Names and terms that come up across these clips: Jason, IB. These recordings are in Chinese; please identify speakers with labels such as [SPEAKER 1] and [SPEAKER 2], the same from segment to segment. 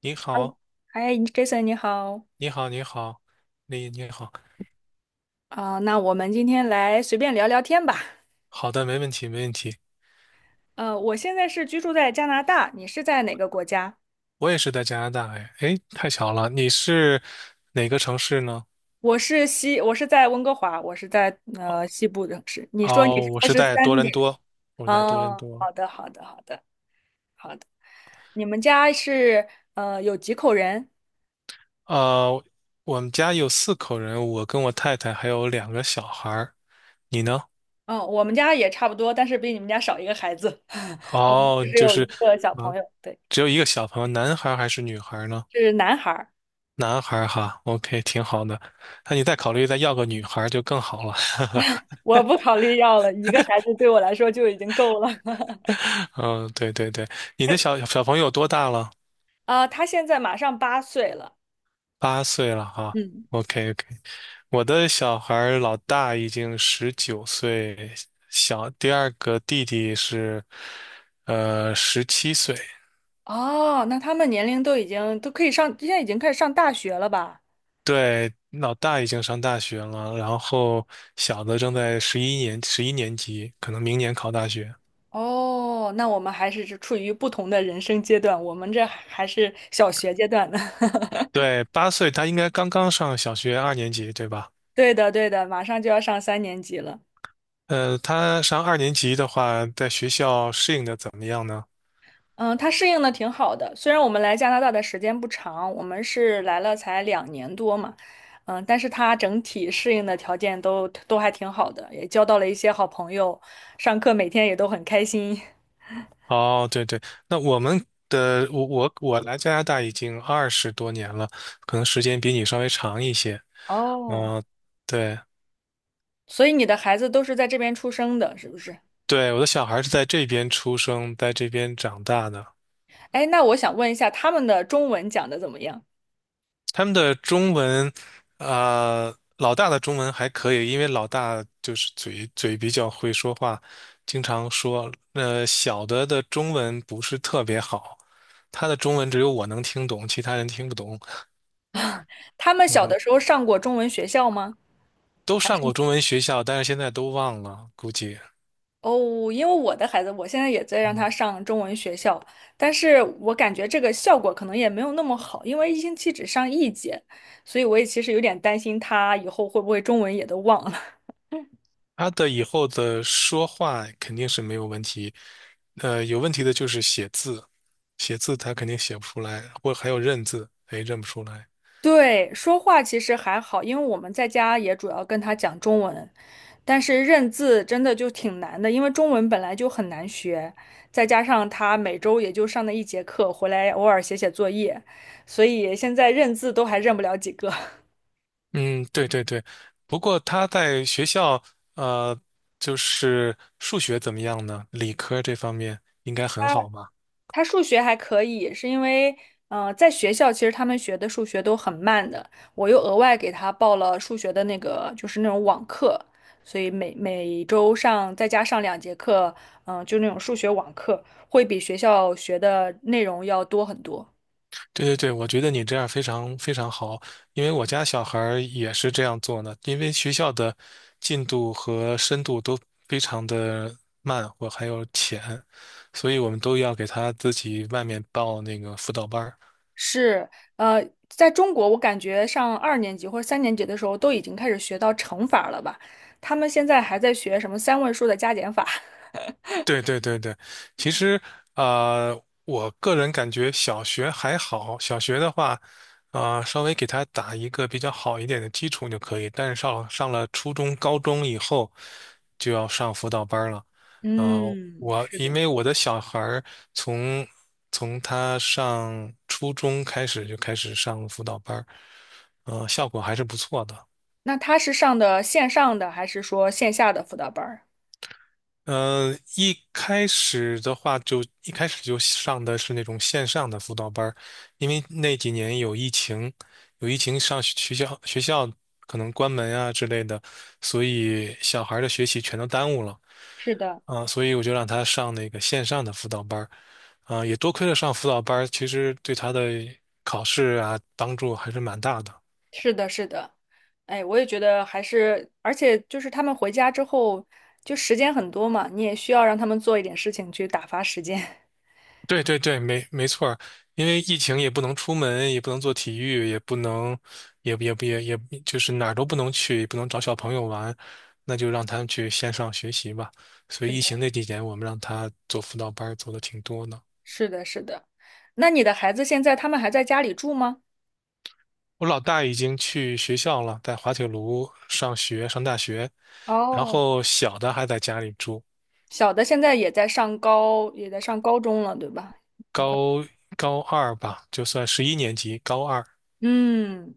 [SPEAKER 1] 你
[SPEAKER 2] 嗨，
[SPEAKER 1] 好，
[SPEAKER 2] 嗨，Jason，你好
[SPEAKER 1] 你好，你好，你好，
[SPEAKER 2] 啊，那我们今天来随便聊聊天吧。
[SPEAKER 1] 好的，没问题，没问题。
[SPEAKER 2] 我现在是居住在加拿大，你是在哪个国家？
[SPEAKER 1] 我也是在加拿大，哎，哎，太巧了，你是哪个城市呢？
[SPEAKER 2] 我是在温哥华，我是在西部城市。你说你是
[SPEAKER 1] 哦，我
[SPEAKER 2] 在
[SPEAKER 1] 是
[SPEAKER 2] 十
[SPEAKER 1] 在多
[SPEAKER 2] 三
[SPEAKER 1] 伦
[SPEAKER 2] 点？
[SPEAKER 1] 多，我是在多伦
[SPEAKER 2] 哦，
[SPEAKER 1] 多。
[SPEAKER 2] 好的，好的，好的，好的。你们家是有几口人？
[SPEAKER 1] 呃，我们家有四口人，我跟我太太还有两个小孩儿。你呢？
[SPEAKER 2] 嗯，我们家也差不多，但是比你们家少一个孩子。我们
[SPEAKER 1] 哦，
[SPEAKER 2] 只有一个小
[SPEAKER 1] 啊，
[SPEAKER 2] 朋友，对，
[SPEAKER 1] 只有一个小朋友，男孩儿还是女孩儿呢？
[SPEAKER 2] 是男孩儿。
[SPEAKER 1] 男孩儿哈，OK，挺好的。那你再考虑再要个女孩儿就更好了。
[SPEAKER 2] 我不考虑要了，一个孩子对我来说就已经够了。
[SPEAKER 1] 嗯，对对对，你的小朋友多大了？
[SPEAKER 2] 啊，他现在马上8岁了。
[SPEAKER 1] 八岁了哈。
[SPEAKER 2] 嗯。
[SPEAKER 1] OK OK，我的小孩儿老大已经19岁，第二个弟弟是17岁。
[SPEAKER 2] 哦，那他们年龄都已经都可以上，现在已经开始上大学了吧？
[SPEAKER 1] 对，老大已经上大学了，然后小的正在十一年级，可能明年考大学。
[SPEAKER 2] 哦，那我们还是处于不同的人生阶段，我们这还是小学阶段呢。
[SPEAKER 1] 对，八岁他应该刚刚上小学二年级，对吧？
[SPEAKER 2] 对的，对的，马上就要上三年级了。
[SPEAKER 1] 他上二年级的话，在学校适应的怎么样呢？
[SPEAKER 2] 嗯，他适应的挺好的，虽然我们来加拿大的时间不长，我们是来了才2年多嘛，嗯，但是他整体适应的条件都还挺好的，也交到了一些好朋友，上课每天也都很开心。
[SPEAKER 1] 哦，对对，那我们的我我我来加拿大已经20多年了，可能时间比你稍微长一些。
[SPEAKER 2] 哦。
[SPEAKER 1] 嗯、对
[SPEAKER 2] 所以你的孩子都是在这边出生的，是不是？
[SPEAKER 1] 对，我的小孩是在这边出生，在这边长大的。
[SPEAKER 2] 哎，那我想问一下，他们的中文讲的怎么样？
[SPEAKER 1] 他们的中文，老大的中文还可以，因为老大就是嘴比较会说话，经常说。小的中文不是特别好，他的中文只有我能听懂，其他人听不懂。
[SPEAKER 2] 他们小
[SPEAKER 1] 嗯。
[SPEAKER 2] 的时候上过中文学校吗？
[SPEAKER 1] 都
[SPEAKER 2] 还
[SPEAKER 1] 上
[SPEAKER 2] 是
[SPEAKER 1] 过中文学校，但是现在都忘了，估计
[SPEAKER 2] 哦，因为我的孩子，我现在也在让他上中文学校，但是我感觉这个效果可能也没有那么好，因为一星期只上一节，所以我也其实有点担心他以后会不会中文也都忘了。
[SPEAKER 1] 他的以后的说话肯定是没有问题，有问题的就是写字，写字他肯定写不出来，或还有认字，哎，认不出来。
[SPEAKER 2] 对，说话其实还好，因为我们在家也主要跟他讲中文。但是认字真的就挺难的，因为中文本来就很难学，再加上他每周也就上那一节课，回来偶尔写写作业，所以现在认字都还认不了几个。
[SPEAKER 1] 嗯，对对对。不过他在学校，呃，就是数学怎么样呢？理科这方面应该
[SPEAKER 2] 他
[SPEAKER 1] 很好吧？
[SPEAKER 2] 他数学还可以，是因为，在学校其实他们学的数学都很慢的，我又额外给他报了数学的那个，就是那种网课，所以每周上再加上2节课，就那种数学网课，会比学校学的内容要多很多。
[SPEAKER 1] 对对对，我觉得你这样非常非常好，因为我家小孩儿也是这样做呢。因为学校的进度和深度都非常的慢，或还有浅，所以我们都要给他自己外面报那个辅导班儿。
[SPEAKER 2] 是，在中国，我感觉上2年级或者三年级的时候都已经开始学到乘法了吧？他们现在还在学什么3位数的加减法？
[SPEAKER 1] 对对对对，其实我个人感觉小学还好，小学的话，稍微给他打一个比较好一点的基础就可以。但是上了初中、高中以后，就要上辅导班儿了。
[SPEAKER 2] 嗯，
[SPEAKER 1] 我
[SPEAKER 2] 是
[SPEAKER 1] 因
[SPEAKER 2] 的，是
[SPEAKER 1] 为
[SPEAKER 2] 的。
[SPEAKER 1] 我的小孩儿从从他上初中开始就开始上辅导班儿，效果还是不错的。
[SPEAKER 2] 那他是上的线上的还是说线下的辅导班儿？
[SPEAKER 1] 一开始就上的是那种线上的辅导班儿，因为那几年有疫情，上学学校可能关门啊之类的，所以小孩儿的学习全都耽误了
[SPEAKER 2] 是的，
[SPEAKER 1] 啊，所以我就让他上那个线上的辅导班儿，啊，也多亏了上辅导班儿，其实对他的考试啊帮助还是蛮大的。
[SPEAKER 2] 是的，是的，哎，我也觉得还是，而且就是他们回家之后，就时间很多嘛，你也需要让他们做一点事情去打发时间。
[SPEAKER 1] 对对对，没错儿，因为疫情也不能出门，也不能做体育，也不能，也也也也，就是哪儿都不能去，也不能找小朋友玩，那就让他们去线上学习吧。所
[SPEAKER 2] 是
[SPEAKER 1] 以疫
[SPEAKER 2] 的。
[SPEAKER 1] 情 那几年，我们让他做辅导班儿，做的挺多的。
[SPEAKER 2] 是的，是的。那你的孩子现在他们还在家里住吗？
[SPEAKER 1] 我老大已经去学校了，在滑铁卢上学，上大学，然
[SPEAKER 2] 哦。
[SPEAKER 1] 后小的还在家里住，
[SPEAKER 2] 小的现在也在上高中了，对吧？很快。
[SPEAKER 1] 高高二吧，就算十一年级，高二
[SPEAKER 2] 嗯，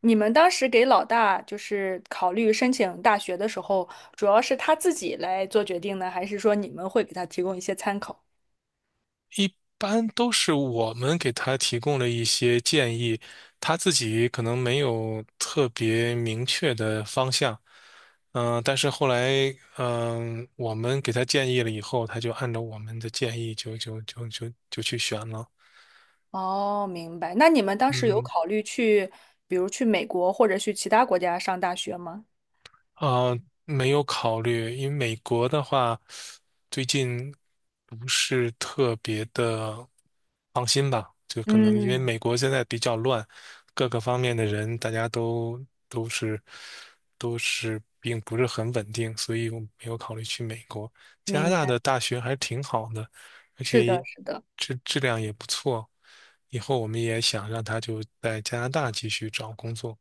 [SPEAKER 2] 你们当时给老大就是考虑申请大学的时候，主要是他自己来做决定呢，还是说你们会给他提供一些参考？
[SPEAKER 1] 一般都是我们给他提供了一些建议，他自己可能没有特别明确的方向。嗯、但是后来，嗯、我们给他建议了以后，他就按照我们的建议就去选了。
[SPEAKER 2] 哦，明白。那你们当时有
[SPEAKER 1] 嗯。
[SPEAKER 2] 考虑去，比如去美国或者去其他国家上大学吗？
[SPEAKER 1] 呃，没有考虑，因为美国的话，最近不是特别的放心吧？就可能因为
[SPEAKER 2] 嗯，
[SPEAKER 1] 美国现在比较乱，各个方面的人大家都都是并不是很稳定，所以我没有考虑去美国。加拿
[SPEAKER 2] 明
[SPEAKER 1] 大
[SPEAKER 2] 白。
[SPEAKER 1] 的大学还是挺好的，而
[SPEAKER 2] 是的，
[SPEAKER 1] 且
[SPEAKER 2] 是的。
[SPEAKER 1] 质量也不错。以后我们也想让他就在加拿大继续找工作。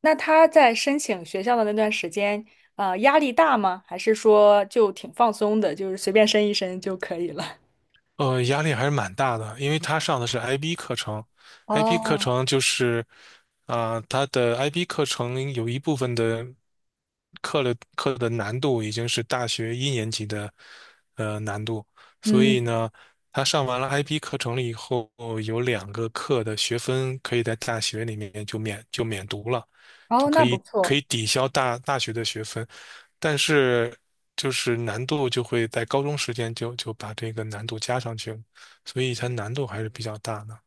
[SPEAKER 2] 那他在申请学校的那段时间，压力大吗？还是说就挺放松的，就是随便申一申就可以了？
[SPEAKER 1] 压力还是蛮大的，因为他上的是 IB 课程 ，IB 课
[SPEAKER 2] 哦，
[SPEAKER 1] 程就是，他的 IB 课程有一部分的课的难度已经是大学一年级的难度，所
[SPEAKER 2] 嗯，
[SPEAKER 1] 以呢，他上完了 IB 课程了以后，有两个课的学分可以在大学里面就免读了，就
[SPEAKER 2] 哦，
[SPEAKER 1] 可
[SPEAKER 2] 那不
[SPEAKER 1] 以可
[SPEAKER 2] 错。
[SPEAKER 1] 以抵消大学的学分。但是就是难度就会在高中时间就把这个难度加上去了，所以它难度还是比较大的。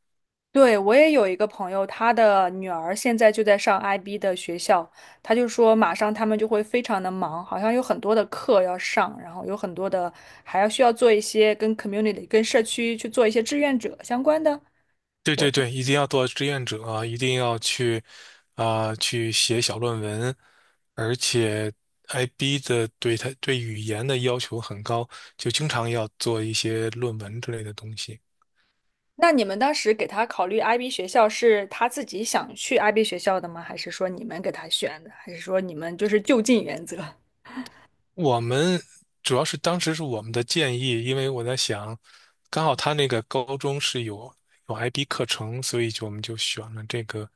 [SPEAKER 2] 对，我也有一个朋友，他的女儿现在就在上 IB 的学校，他就说马上他们就会非常的忙，好像有很多的课要上，然后有很多的还要需要做一些跟 community、跟社区去做一些志愿者相关的。
[SPEAKER 1] 对对对，一定要做志愿者啊一定要去去写小论文，而且 IB 的对它对语言的要求很高，就经常要做一些论文之类的东西。
[SPEAKER 2] 那你们当时给他考虑 IB 学校，是他自己想去 IB 学校的吗？还是说你们给他选的？还是说你们就是就近原则？
[SPEAKER 1] 我们主要是当时是我们的建议，因为我在想，刚好他那个高中是有 IB 课程，所以就我们就选了这个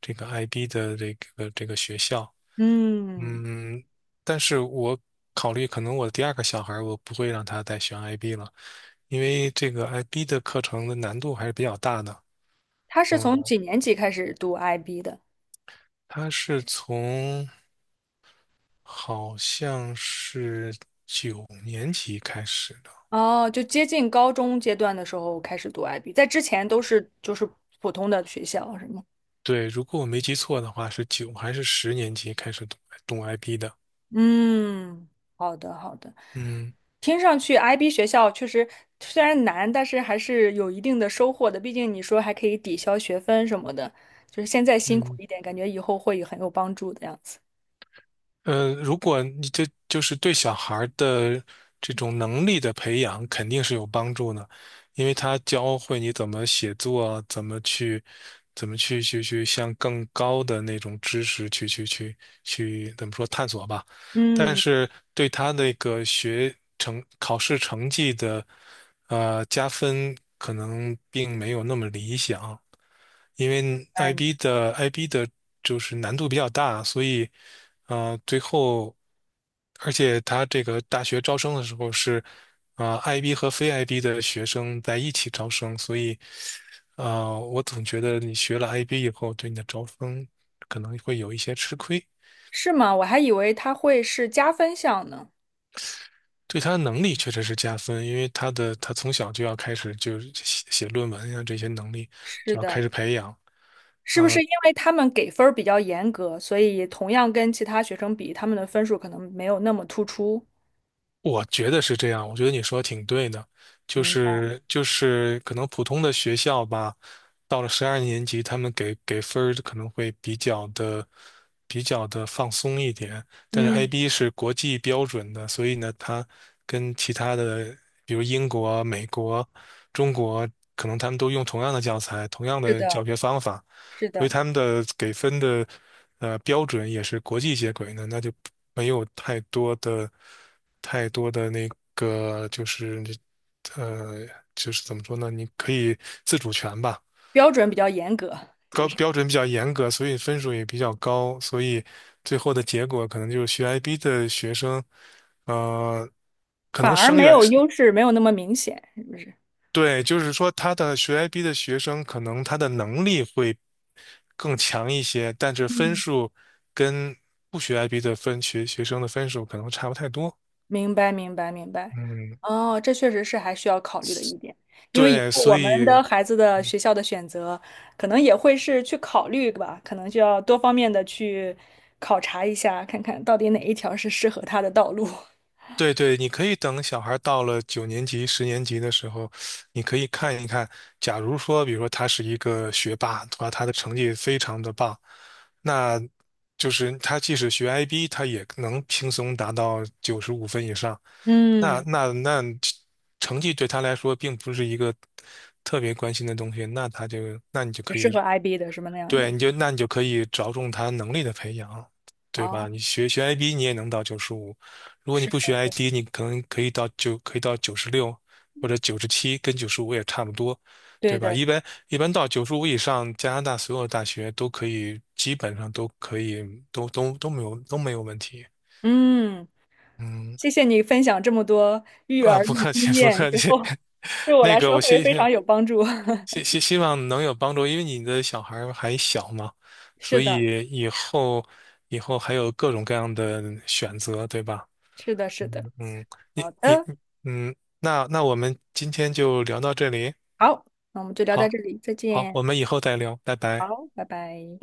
[SPEAKER 1] 这个 IB 的这个学校。
[SPEAKER 2] 嗯，
[SPEAKER 1] 嗯，但是我考虑可能我第二个小孩儿我不会让他再选 IB 了，因为这个 IB 的课程的难度还是比较大的。
[SPEAKER 2] 他是
[SPEAKER 1] 嗯，
[SPEAKER 2] 从几年级开始读 IB 的？
[SPEAKER 1] 他是从好像是九年级开始。
[SPEAKER 2] 哦，就接近高中阶段的时候开始读 IB，在之前都是就是普通的学校，是吗？
[SPEAKER 1] 对，如果我没记错的话，是九还是十年级开始懂 i P 的？
[SPEAKER 2] 嗯，好的，好的。
[SPEAKER 1] 嗯
[SPEAKER 2] 听上去，IB 学校确实虽然难，但是还是有一定的收获的。毕竟你说还可以抵消学分什么的，就是现在辛苦
[SPEAKER 1] 嗯，
[SPEAKER 2] 一点，感觉以后会很有帮助的样子。
[SPEAKER 1] 嗯，如果你这就是对小孩儿的这种能力的培养，肯定是有帮助的，因为他教会你怎么写作，怎么去，怎么去向更高的那种知识去去去去怎么说探索吧。但
[SPEAKER 2] 嗯，
[SPEAKER 1] 是对他那个学成考试成绩的加分，可能并没有那么理想。因为
[SPEAKER 2] 哎，
[SPEAKER 1] IB 的就是难度比较大，所以最后，而且他这个大学招生的时候是IB 和非 IB 的学生在一起招生，所以我总觉得你学了 IB 以后，对你的招生可能会有一些吃亏。
[SPEAKER 2] 是吗？我还以为它会是加分项呢。
[SPEAKER 1] 对他的能力确实是加分，因为他的他从小就要开始就是写论文呀，这些能力
[SPEAKER 2] 是
[SPEAKER 1] 就要
[SPEAKER 2] 的，
[SPEAKER 1] 开始培养，
[SPEAKER 2] 是不是因为他们给分儿比较严格，所以同样跟其他学生比，他们的分数可能没有那么突出？
[SPEAKER 1] 我觉得是这样，我觉得你说的挺对的，就
[SPEAKER 2] 明白。
[SPEAKER 1] 是就是可能普通的学校吧，到了12年级，他们给分儿可能会比较的放松一点，但是
[SPEAKER 2] 嗯，
[SPEAKER 1] IB 是国际标准的，所以呢，它跟其他的比如英国、美国、中国，可能他们都用同样的教材、同样
[SPEAKER 2] 是
[SPEAKER 1] 的
[SPEAKER 2] 的，
[SPEAKER 1] 教学方法，
[SPEAKER 2] 是
[SPEAKER 1] 所以
[SPEAKER 2] 的，
[SPEAKER 1] 他们的给分的标准也是国际接轨的，那就没有太多的那个就是呃就是怎么说呢？你可以自主权吧，
[SPEAKER 2] 标准比较严格，就
[SPEAKER 1] 高
[SPEAKER 2] 是
[SPEAKER 1] 标准比较严格，所以分数也比较高，所以最后的结果可能就是学 IB 的学生，呃，可
[SPEAKER 2] 反
[SPEAKER 1] 能
[SPEAKER 2] 而
[SPEAKER 1] 生
[SPEAKER 2] 没
[SPEAKER 1] 源。
[SPEAKER 2] 有优势，没有那么明显，是不是？
[SPEAKER 1] 对，就是说他的学 IB 的学生，可能他的能力会更强一些，但是分
[SPEAKER 2] 嗯。
[SPEAKER 1] 数跟不学 IB 的学生的分数可能差不太多。
[SPEAKER 2] 明白，明白，明白。
[SPEAKER 1] 嗯，
[SPEAKER 2] 哦，这确实是还需要考虑的一点，因为以
[SPEAKER 1] 对，
[SPEAKER 2] 后我
[SPEAKER 1] 所
[SPEAKER 2] 们
[SPEAKER 1] 以
[SPEAKER 2] 的孩子的学校的选择，可能也会是去考虑吧，可能就要多方面的去考察一下，看看到底哪一条是适合他的道路。
[SPEAKER 1] 对对，你可以等小孩到了九年级、十年级的时候，你可以看一看，假如说，比如说他是一个学霸，他的成绩非常的棒，那就是他即使学 IB，他也能轻松达到95分以上。那
[SPEAKER 2] 嗯，
[SPEAKER 1] 那那成绩对他来说并不是一个特别关心的东西，那他就那你就可以
[SPEAKER 2] 适合 IB 的什么那样
[SPEAKER 1] 对
[SPEAKER 2] 的。
[SPEAKER 1] 你就那你就可以着重他能力的培养，对
[SPEAKER 2] 哦，
[SPEAKER 1] 吧？你学 IB 你也能到95，如果你
[SPEAKER 2] 是
[SPEAKER 1] 不
[SPEAKER 2] 的，
[SPEAKER 1] 学 i D，你可能可以到96或者97，跟九十五也差不多，
[SPEAKER 2] 对
[SPEAKER 1] 对吧？
[SPEAKER 2] 的。
[SPEAKER 1] 一般一般到九十五以上，加拿大所有大学都可以基本上都可以都没有问题。
[SPEAKER 2] 嗯，
[SPEAKER 1] 嗯。
[SPEAKER 2] 谢谢你分享这么多育
[SPEAKER 1] 啊，
[SPEAKER 2] 儿
[SPEAKER 1] 不
[SPEAKER 2] 的
[SPEAKER 1] 客气，
[SPEAKER 2] 经
[SPEAKER 1] 不
[SPEAKER 2] 验，
[SPEAKER 1] 客
[SPEAKER 2] 以
[SPEAKER 1] 气。
[SPEAKER 2] 后对 我
[SPEAKER 1] 那
[SPEAKER 2] 来
[SPEAKER 1] 个，
[SPEAKER 2] 说
[SPEAKER 1] 我
[SPEAKER 2] 会
[SPEAKER 1] 希
[SPEAKER 2] 非
[SPEAKER 1] 望
[SPEAKER 2] 常有帮助。
[SPEAKER 1] 希 希希望能有帮助，因为你的小孩儿还小嘛，所
[SPEAKER 2] 是的，
[SPEAKER 1] 以以后还有各种各样的选择，对吧？
[SPEAKER 2] 是的，是的。
[SPEAKER 1] 嗯嗯，你
[SPEAKER 2] 好
[SPEAKER 1] 你
[SPEAKER 2] 的。
[SPEAKER 1] 嗯，我们今天就聊到这里，
[SPEAKER 2] 好，那我们就聊到
[SPEAKER 1] 好，
[SPEAKER 2] 这里，再
[SPEAKER 1] 好，
[SPEAKER 2] 见。
[SPEAKER 1] 我们以后再聊，拜拜。
[SPEAKER 2] 好，拜拜。